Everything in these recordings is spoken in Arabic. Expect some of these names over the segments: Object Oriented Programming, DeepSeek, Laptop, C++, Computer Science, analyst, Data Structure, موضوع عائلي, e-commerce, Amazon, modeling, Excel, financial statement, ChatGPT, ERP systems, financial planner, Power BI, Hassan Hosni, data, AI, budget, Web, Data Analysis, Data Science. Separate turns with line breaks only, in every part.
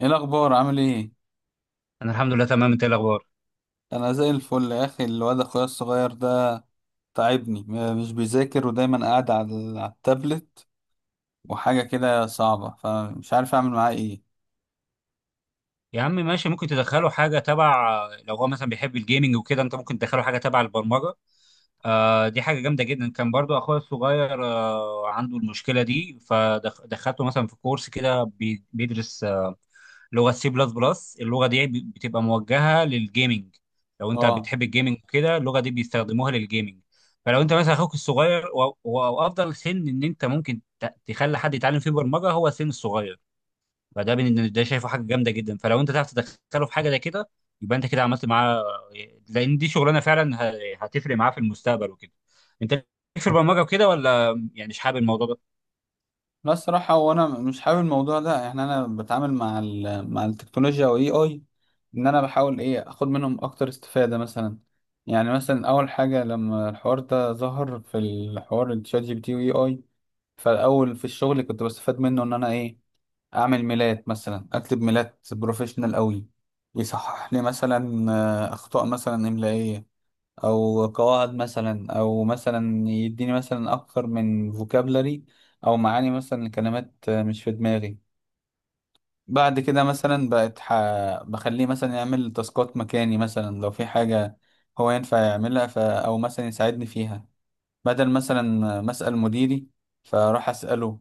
ايه الاخبار؟ عامل ايه؟
انا الحمد لله تمام، انت إيه الاخبار؟
انا زي الفل يا اخي. الواد اخويا الصغير ده تعبني. مش بيذاكر، ودايما قاعد على على التابلت وحاجه كده صعبه، فمش عارف اعمل معاه ايه.
يا عم ماشي، ممكن تدخله حاجه تبع، لو هو مثلا بيحب الجيمنج وكده انت ممكن تدخله حاجه تبع البرمجه. آه دي حاجه جامده جدا. كان برضو اخويا الصغير عنده المشكله دي، فدخلته مثلا في كورس كده بيدرس لغه سي بلس بلس. اللغه دي بتبقى موجهه للجيمنج. لو انت
اه،
بتحب الجيمنج كده اللغه دي بيستخدموها للجيمنج. فلو انت مثلا اخوك الصغير وافضل سن ان انت ممكن تخلي حد يتعلم فيه برمجه هو السن الصغير. فده ده شايفه حاجه جامده جدا. فلو انت تعرف تدخله في حاجه زي كده يبقى انت كده عملت معاه. لان دي شغلانه فعلا هتفرق معاه في المستقبل وكده. انت ليك في البرمجه وكده، ولا يعني مش حابب الموضوع ده؟
بس الصراحه هو انا مش حابب الموضوع ده. يعني انا بتعامل مع مع التكنولوجيا واي اي اي، ان انا بحاول ايه، اخد منهم اكتر استفاده مثلا. يعني مثلا اول حاجه لما الحوار ده ظهر، في الحوار الشات جي بي تي واي اي، فالاول في الشغل كنت بستفاد منه، ان انا ايه، اعمل ميلاد مثلا، اكتب ميلاد بروفيشنال قوي، يصحح لي مثلا اخطاء مثلا املائيه او قواعد، مثلا او مثلا يديني مثلا اكتر من فوكابلري، او معاني مثلا لكلمات مش في دماغي. بعد كده مثلا بخليه مثلا يعمل تاسكات مكاني، مثلا لو في حاجه هو ينفع يعملها او مثلا يساعدني فيها، بدل مثلا ما اسال مديري فاروح اساله.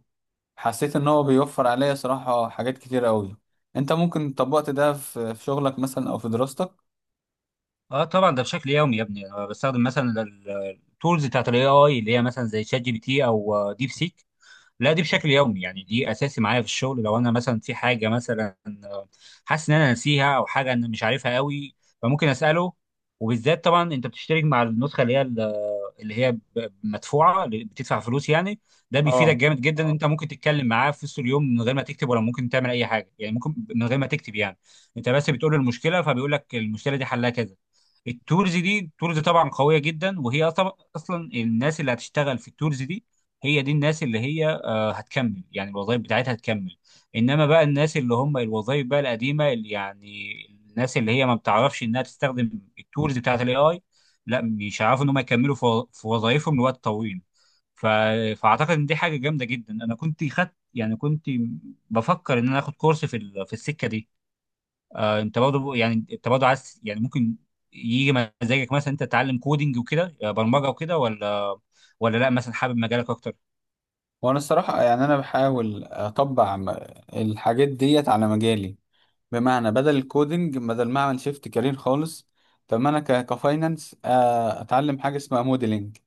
حسيت ان هو بيوفر عليا صراحة حاجات كتير قوي. انت ممكن طبقت ده في شغلك مثلا او في دراستك؟
اه طبعا، ده بشكل يومي يا ابني. انا بستخدم مثلا التولز بتاعت الاي اي، اللي هي مثلا زي شات جي بي تي او ديب سيك. لا دي بشكل يومي، يعني دي اساسي معايا في الشغل. لو انا مثلا في حاجه مثلا حاسس ان انا ناسيها او حاجه انا مش عارفها قوي فممكن اساله. وبالذات طبعا انت بتشترك مع النسخه اللي هي مدفوعه، اللي بتدفع فلوس يعني. ده بيفيدك
اه،
جامد جدا ان انت ممكن تتكلم معاه في وسط اليوم من غير ما تكتب، ولا ممكن تعمل اي حاجه، يعني ممكن من غير ما تكتب يعني. انت بس بتقول له المشكله فبيقول لك المشكله دي حلها كذا. التولز طبعا قويه جدا. وهي اصلا الناس اللي هتشتغل في التولز دي هي دي الناس اللي هي هتكمل، يعني الوظائف بتاعتها هتكمل. انما بقى الناس اللي هم الوظائف بقى القديمه، اللي يعني الناس اللي هي ما بتعرفش انها تستخدم التولز بتاعت الاي اي، لا مش هيعرفوا ان هم يكملوا في وظائفهم لوقت طويل. ف... فاعتقد ان دي حاجه جامده جدا. انا كنت خدت، يعني كنت بفكر ان انا اخد كورس في في السكه دي. آه انت برضه، يعني انت برضه عايز، يعني ممكن يجي مزاجك مثلا انت تتعلم كودينج وكده، برمجه وكده، ولا لا، مثلا حابب مجالك اكتر؟
وانا الصراحة يعني انا بحاول اطبق الحاجات ديت على مجالي. بمعنى بدل الكودينج، بدل ما اعمل شيفت كارير خالص، فما انا كفاينانس اتعلم حاجة اسمها موديلنج.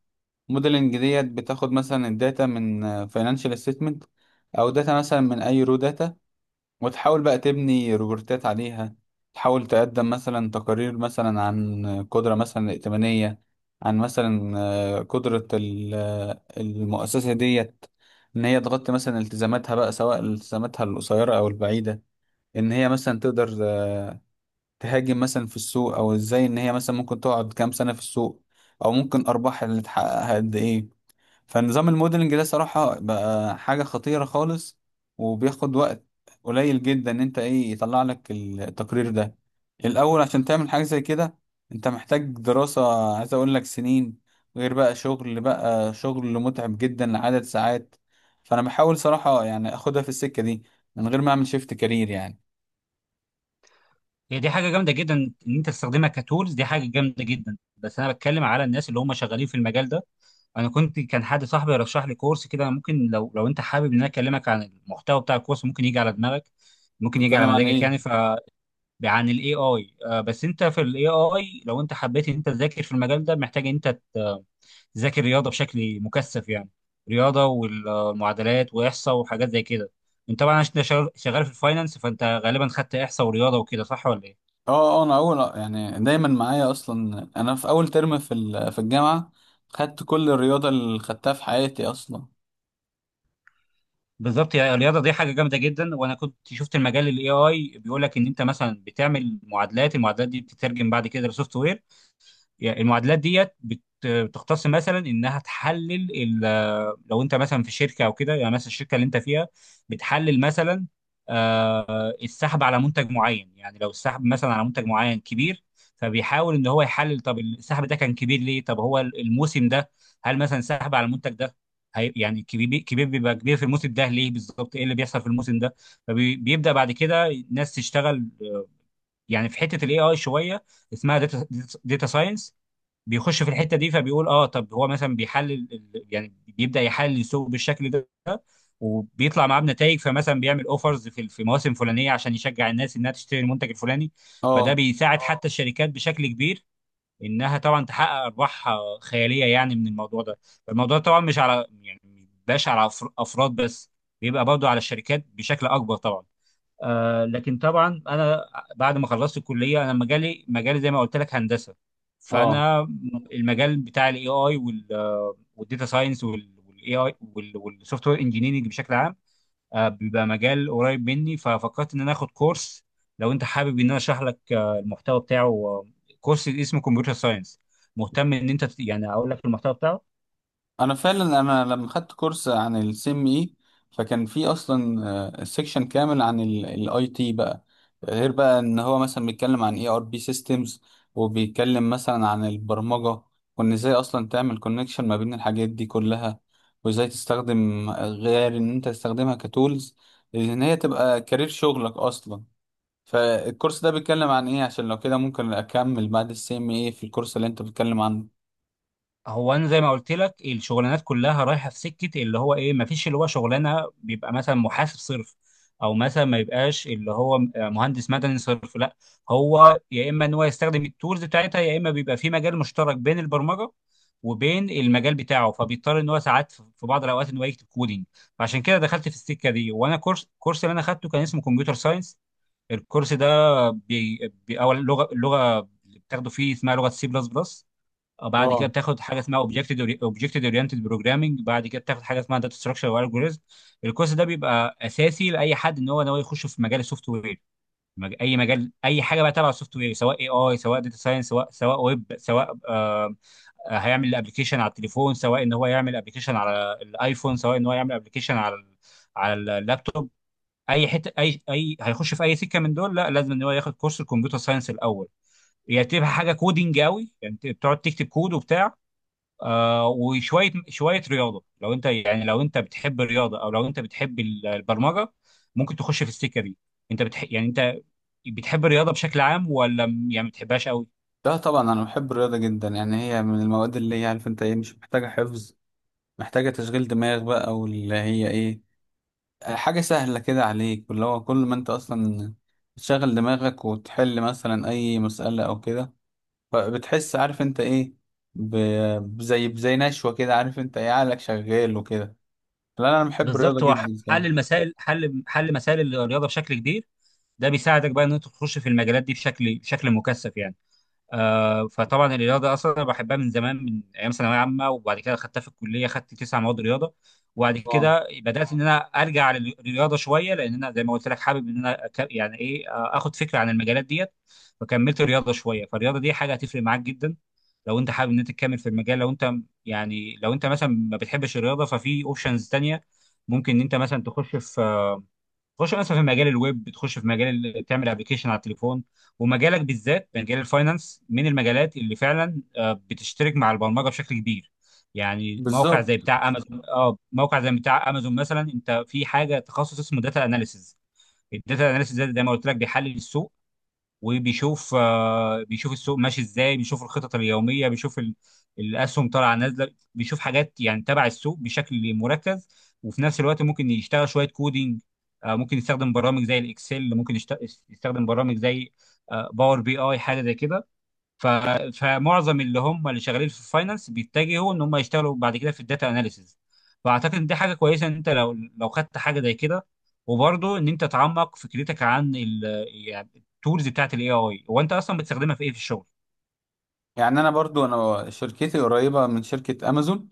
موديلنج ديت بتاخد مثلا الداتا من فاينانشال ستيتمنت، او داتا مثلا من اي رو داتا، وتحاول بقى تبني روبورتات عليها. تحاول تقدم مثلا تقارير مثلا عن قدرة مثلا ائتمانية، عن مثلا قدرة المؤسسة ديت، إن هي تغطي مثلا التزاماتها بقى، سواء التزاماتها القصيرة أو البعيدة، إن هي مثلا تقدر تهاجم مثلا في السوق، أو إزاي إن هي مثلا ممكن تقعد كام سنة في السوق، أو ممكن أرباحها اللي تحققها قد إيه. فنظام الموديلنج ده صراحة بقى حاجة خطيرة خالص، وبياخد وقت قليل جدا ان انت ايه، يطلع لك التقرير ده. الاول عشان تعمل حاجة زي كده انت محتاج دراسة، عايز اقول لك سنين، غير بقى شغل، بقى شغل متعب جدا لعدد ساعات. فانا بحاول صراحة يعني اخدها في السكة دي من غير ما اعمل شيفت كارير يعني.
هي دي حاجه جامده جدا ان انت تستخدمها كتولز. دي حاجه جامده جدا، بس انا بتكلم على الناس اللي هم شغالين في المجال ده. انا كنت، كان حد صاحبي رشح لي كورس كده، ممكن لو انت حابب ان انا اكلمك عن المحتوى بتاع الكورس، ممكن يجي على دماغك، ممكن يجي
بتكلم
على
عن
مزاجك
ايه؟
يعني عن الاي اي. بس انت في الاي اي، لو انت حبيت ان انت تذاكر في المجال ده، محتاج ان انت تذاكر رياضه بشكل مكثف يعني. رياضه والمعادلات واحصاء وحاجات زي كده. انت طبعا عشان شغال شغال في الفاينانس فانت غالبا خدت احصاء ورياضه وكده، صح ولا ايه؟
اه انا اول، يعني دايما معايا اصلا، انا في اول ترم في في الجامعه خدت كل الرياضه اللي خدتها في حياتي اصلا.
بالظبط، يعني الرياضه دي حاجه جامده جدا. وانا كنت شفت المجال الاي اي بيقول لك ان انت مثلا بتعمل المعادلات دي بتترجم بعد كده لسوفت وير. يعني المعادلات ديت بتختص مثلا انها تحلل لو انت مثلا في شركه او كده، يعني مثلا الشركه اللي انت فيها بتحلل مثلا السحب على منتج معين. يعني لو السحب مثلا على منتج معين كبير، فبيحاول ان هو يحلل طب السحب ده كان كبير ليه، طب هو الموسم ده، هل مثلا السحب على المنتج ده يعني كبير، بيبقى كبير في الموسم ده ليه، بالظبط ايه اللي بيحصل في الموسم ده. فبيبدا بعد كده الناس تشتغل، يعني في حته الاي اي شويه اسمها داتا ساينس، بيخش في الحته دي فبيقول اه طب هو مثلا بيحلل يعني بيبدا يحلل السوق بالشكل ده. وبيطلع معاه بنتائج، فمثلا بيعمل اوفرز في مواسم فلانيه عشان يشجع الناس انها تشتري المنتج الفلاني. فده
اه
بيساعد حتى الشركات بشكل كبير، انها طبعا تحقق ارباح خياليه يعني من الموضوع ده. فالموضوع طبعا مش على يعني مش على افراد بس، بيبقى برضه على الشركات بشكل اكبر طبعا. آه لكن طبعا انا بعد ما خلصت الكليه، انا مجالي زي ما قلت لك هندسه.
اه
فانا المجال بتاع الاي اي والداتا ساينس والاي اي والسوفت وير انجينيرنج بشكل عام، آه بيبقى مجال قريب مني. ففكرت ان انا اخد كورس. لو انت حابب ان انا اشرح لك المحتوى بتاعه، كورس اسمه كمبيوتر ساينس، مهتم ان انت يعني اقول لك المحتوى بتاعه؟
انا فعلا، انا لما خدت كورس عن السي ام اي فكان في اصلا سيكشن كامل عن الاي تي بقى، غير بقى ان هو مثلا بيتكلم عن اي ار بي سيستمز، وبيتكلم مثلا عن البرمجه، وان ازاي اصلا تعمل كونكشن ما بين الحاجات دي كلها، وازاي تستخدم، غير ان انت تستخدمها كتولز، ان هي تبقى كارير شغلك اصلا. فالكورس ده بيتكلم عن ايه؟ عشان لو كده ممكن اكمل بعد السي ام اي في الكورس اللي انت بتتكلم عنه.
هو انا زي ما قلت لك الشغلانات كلها رايحه في سكه اللي هو ايه، ما فيش اللي هو شغلانه بيبقى مثلا محاسب صرف، او مثلا ما يبقاش اللي هو مهندس مدني صرف، لا، هو يا اما ان هو يستخدم التولز بتاعتها، يا اما بيبقى في مجال مشترك بين البرمجه وبين المجال بتاعه، فبيضطر ان هو ساعات في بعض الاوقات ان هو يكتب كودينج. فعشان كده دخلت في السكه دي. وانا الكورس اللي انا خدته كان اسمه كمبيوتر ساينس. الكورس ده بي... اول اللغه اللي بتاخده فيه اسمها لغه سي بلس بلس. بعد كده
اه،
بتاخد حاجه اسمها اوبجكت اورينتد بروجرامنج. بعد كده بتاخد حاجه اسمها داتا ستراكشر والجوريزم. الكورس ده بيبقى اساسي لاي حد ان هو ناوي يخش في مجال السوفت وير. اي مجال، اي حاجه بقى تبع السوفت وير، سواء اي اي، سواء داتا ساينس، سواء ويب، سواء آه هيعمل ابلكيشن على التليفون، سواء ان هو يعمل ابلكيشن على الايفون، سواء ان هو يعمل ابلكيشن على على اللابتوب. اي حته اي اي هيخش في اي سكه من دول، لا لازم ان هو ياخد كورس الكمبيوتر ساينس الاول. يعني تبقى حاجه كودينج قوي، يعني بتقعد تكتب كود وبتاع، آه وشويه شويه رياضه. لو انت، يعني لو انت بتحب الرياضه، او لو انت بتحب البرمجه ممكن تخش في السكه دي. انت يعني انت بتحب الرياضه بشكل عام، ولا يعني ما بتحبهاش قوي؟
لا طبعا انا بحب الرياضه جدا. يعني هي من المواد اللي هي، عارف انت ايه، مش محتاجه حفظ، محتاجه تشغيل دماغ بقى، واللي هي ايه، حاجه سهله كده عليك، واللي هو كل ما انت اصلا بتشغل دماغك وتحل مثلا اي مساله او كده، فبتحس، عارف انت ايه، بزي نشوه كده، عارف انت ايه، عقلك شغال وكده. لا لا، انا بحب الرياضه
بالظبط هو
جدا صراحه.
حل المسائل، حل مسائل الرياضه بشكل كبير ده بيساعدك بقى ان انت تخش في المجالات دي بشكل مكثف يعني. فطبعا الرياضه اصلا انا بحبها من زمان، من ايام ثانويه عامه، وبعد كده خدتها في الكليه، خدت 9 مواد رياضه. وبعد
اه
كده بدات ان انا ارجع للرياضه شويه، لان انا زي ما قلت لك حابب ان انا يعني ايه اخد فكره عن المجالات ديت. فكملت الرياضه شويه. فالرياضه دي حاجه هتفرق معاك جدا لو انت حابب ان انت تكمل في المجال. لو انت، يعني لو انت مثلا ما بتحبش الرياضه، ففي اوبشنز تانيه. ممكن ان انت مثلا تخش مثلا في مجال الويب، تخش في مجال تعمل ابلكيشن على التليفون. ومجالك بالذات مجال الفاينانس من المجالات اللي فعلا بتشترك مع البرمجه بشكل كبير. يعني موقع زي
بالظبط.
بتاع امازون، مثلا انت في حاجه تخصص اسمه داتا اناليسز. الداتا اناليسز ده زي ما قلت لك بيحلل السوق، وبيشوف آه، بيشوف السوق ماشي ازاي، بيشوف الخطط اليوميه، بيشوف الاسهم طالعه نازله، بيشوف حاجات يعني تبع السوق بشكل مركز. وفي نفس الوقت ممكن يشتغل شويه كودينج. ممكن يستخدم برامج زي الاكسل، يستخدم برامج زي باور بي اي، حاجه زي كده. ف... فمعظم اللي هم اللي شغالين في الفاينانس بيتجهوا ان هم يشتغلوا بعد كده في الداتا اناليسز. فاعتقد ان دي حاجه كويسه، ان انت لو خدت حاجه زي كده. وبرضه ان انت تعمق فكرتك عن يعني التولز بتاعت الاي اي، هو انت اصلا بتستخدمها في ايه في الشغل؟
يعني انا برضو انا شركتي قريبه من شركه امازون،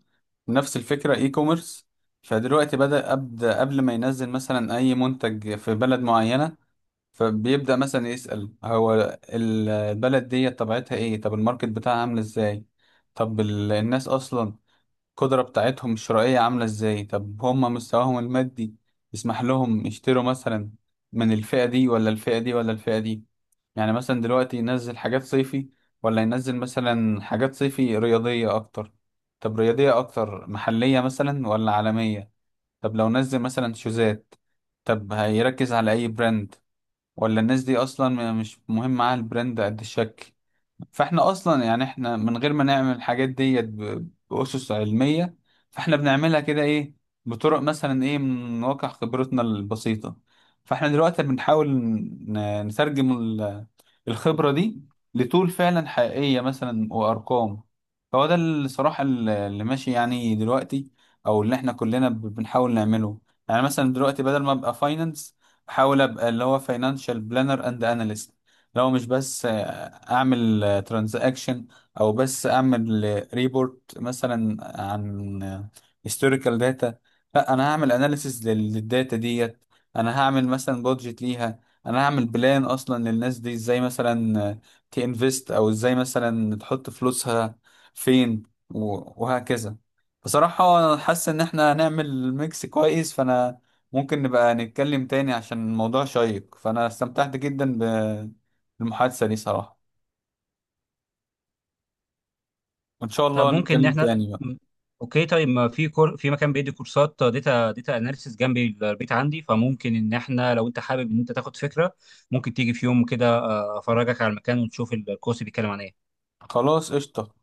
نفس الفكره اي كوميرس. فدلوقتي ابدا قبل ما ينزل مثلا اي منتج في بلد معينه، فبيبدا مثلا يسال هو البلد دي طبيعتها ايه، طب الماركت بتاعها عامل ازاي، طب الناس اصلا القدره بتاعتهم الشرائيه عامله ازاي، طب هم مستواهم المادي يسمح لهم يشتروا مثلا من الفئه دي ولا الفئه دي ولا الفئه دي. يعني مثلا دلوقتي ينزل حاجات صيفي، ولا ينزل مثلا حاجات صيفي رياضية أكتر، طب رياضية أكتر محلية مثلا ولا عالمية، طب لو نزل مثلا شوزات طب هيركز على أي براند، ولا الناس دي أصلا مش مهم معاها البراند قد الشكل. فإحنا أصلا يعني إحنا من غير ما نعمل الحاجات ديت بأسس علمية، فإحنا بنعملها كده إيه، بطرق مثلا إيه، من واقع خبرتنا البسيطة. فإحنا دلوقتي بنحاول نترجم الخبرة دي لطول فعلا حقيقية مثلا وأرقام. فهو ده الصراحة اللي ماشي يعني دلوقتي، أو اللي احنا كلنا بنحاول نعمله. يعني مثلا دلوقتي بدل ما أبقى فاينانس، أحاول أبقى اللي هو فاينانشال بلانر أند أناليست. لو مش بس أعمل ترانزاكشن، أو بس أعمل ريبورت مثلا عن هيستوريكال داتا، لا أنا هعمل أناليسيس للداتا ديت، أنا هعمل مثلا بودجت ليها، انا هعمل بلان اصلا للناس دي ازاي مثلا تنفست، او ازاي مثلا تحط فلوسها فين، وهكذا. بصراحة حاسس ان احنا هنعمل ميكس كويس، فانا ممكن نبقى نتكلم تاني عشان الموضوع شيق. فانا استمتعت جدا بالمحادثة دي صراحة، وان شاء
طب
الله
ممكن إن
نتكلم
احنا
تاني بقى.
اوكي طيب، ما في في مكان بيدي كورسات داتا اناليسز جنب البيت عندي. فممكن ان احنا لو انت حابب ان انت تاخد فكره ممكن تيجي في يوم كده، افرجك على المكان ونشوف الكورس بيتكلم عن ايه.
خلاص، قشطة.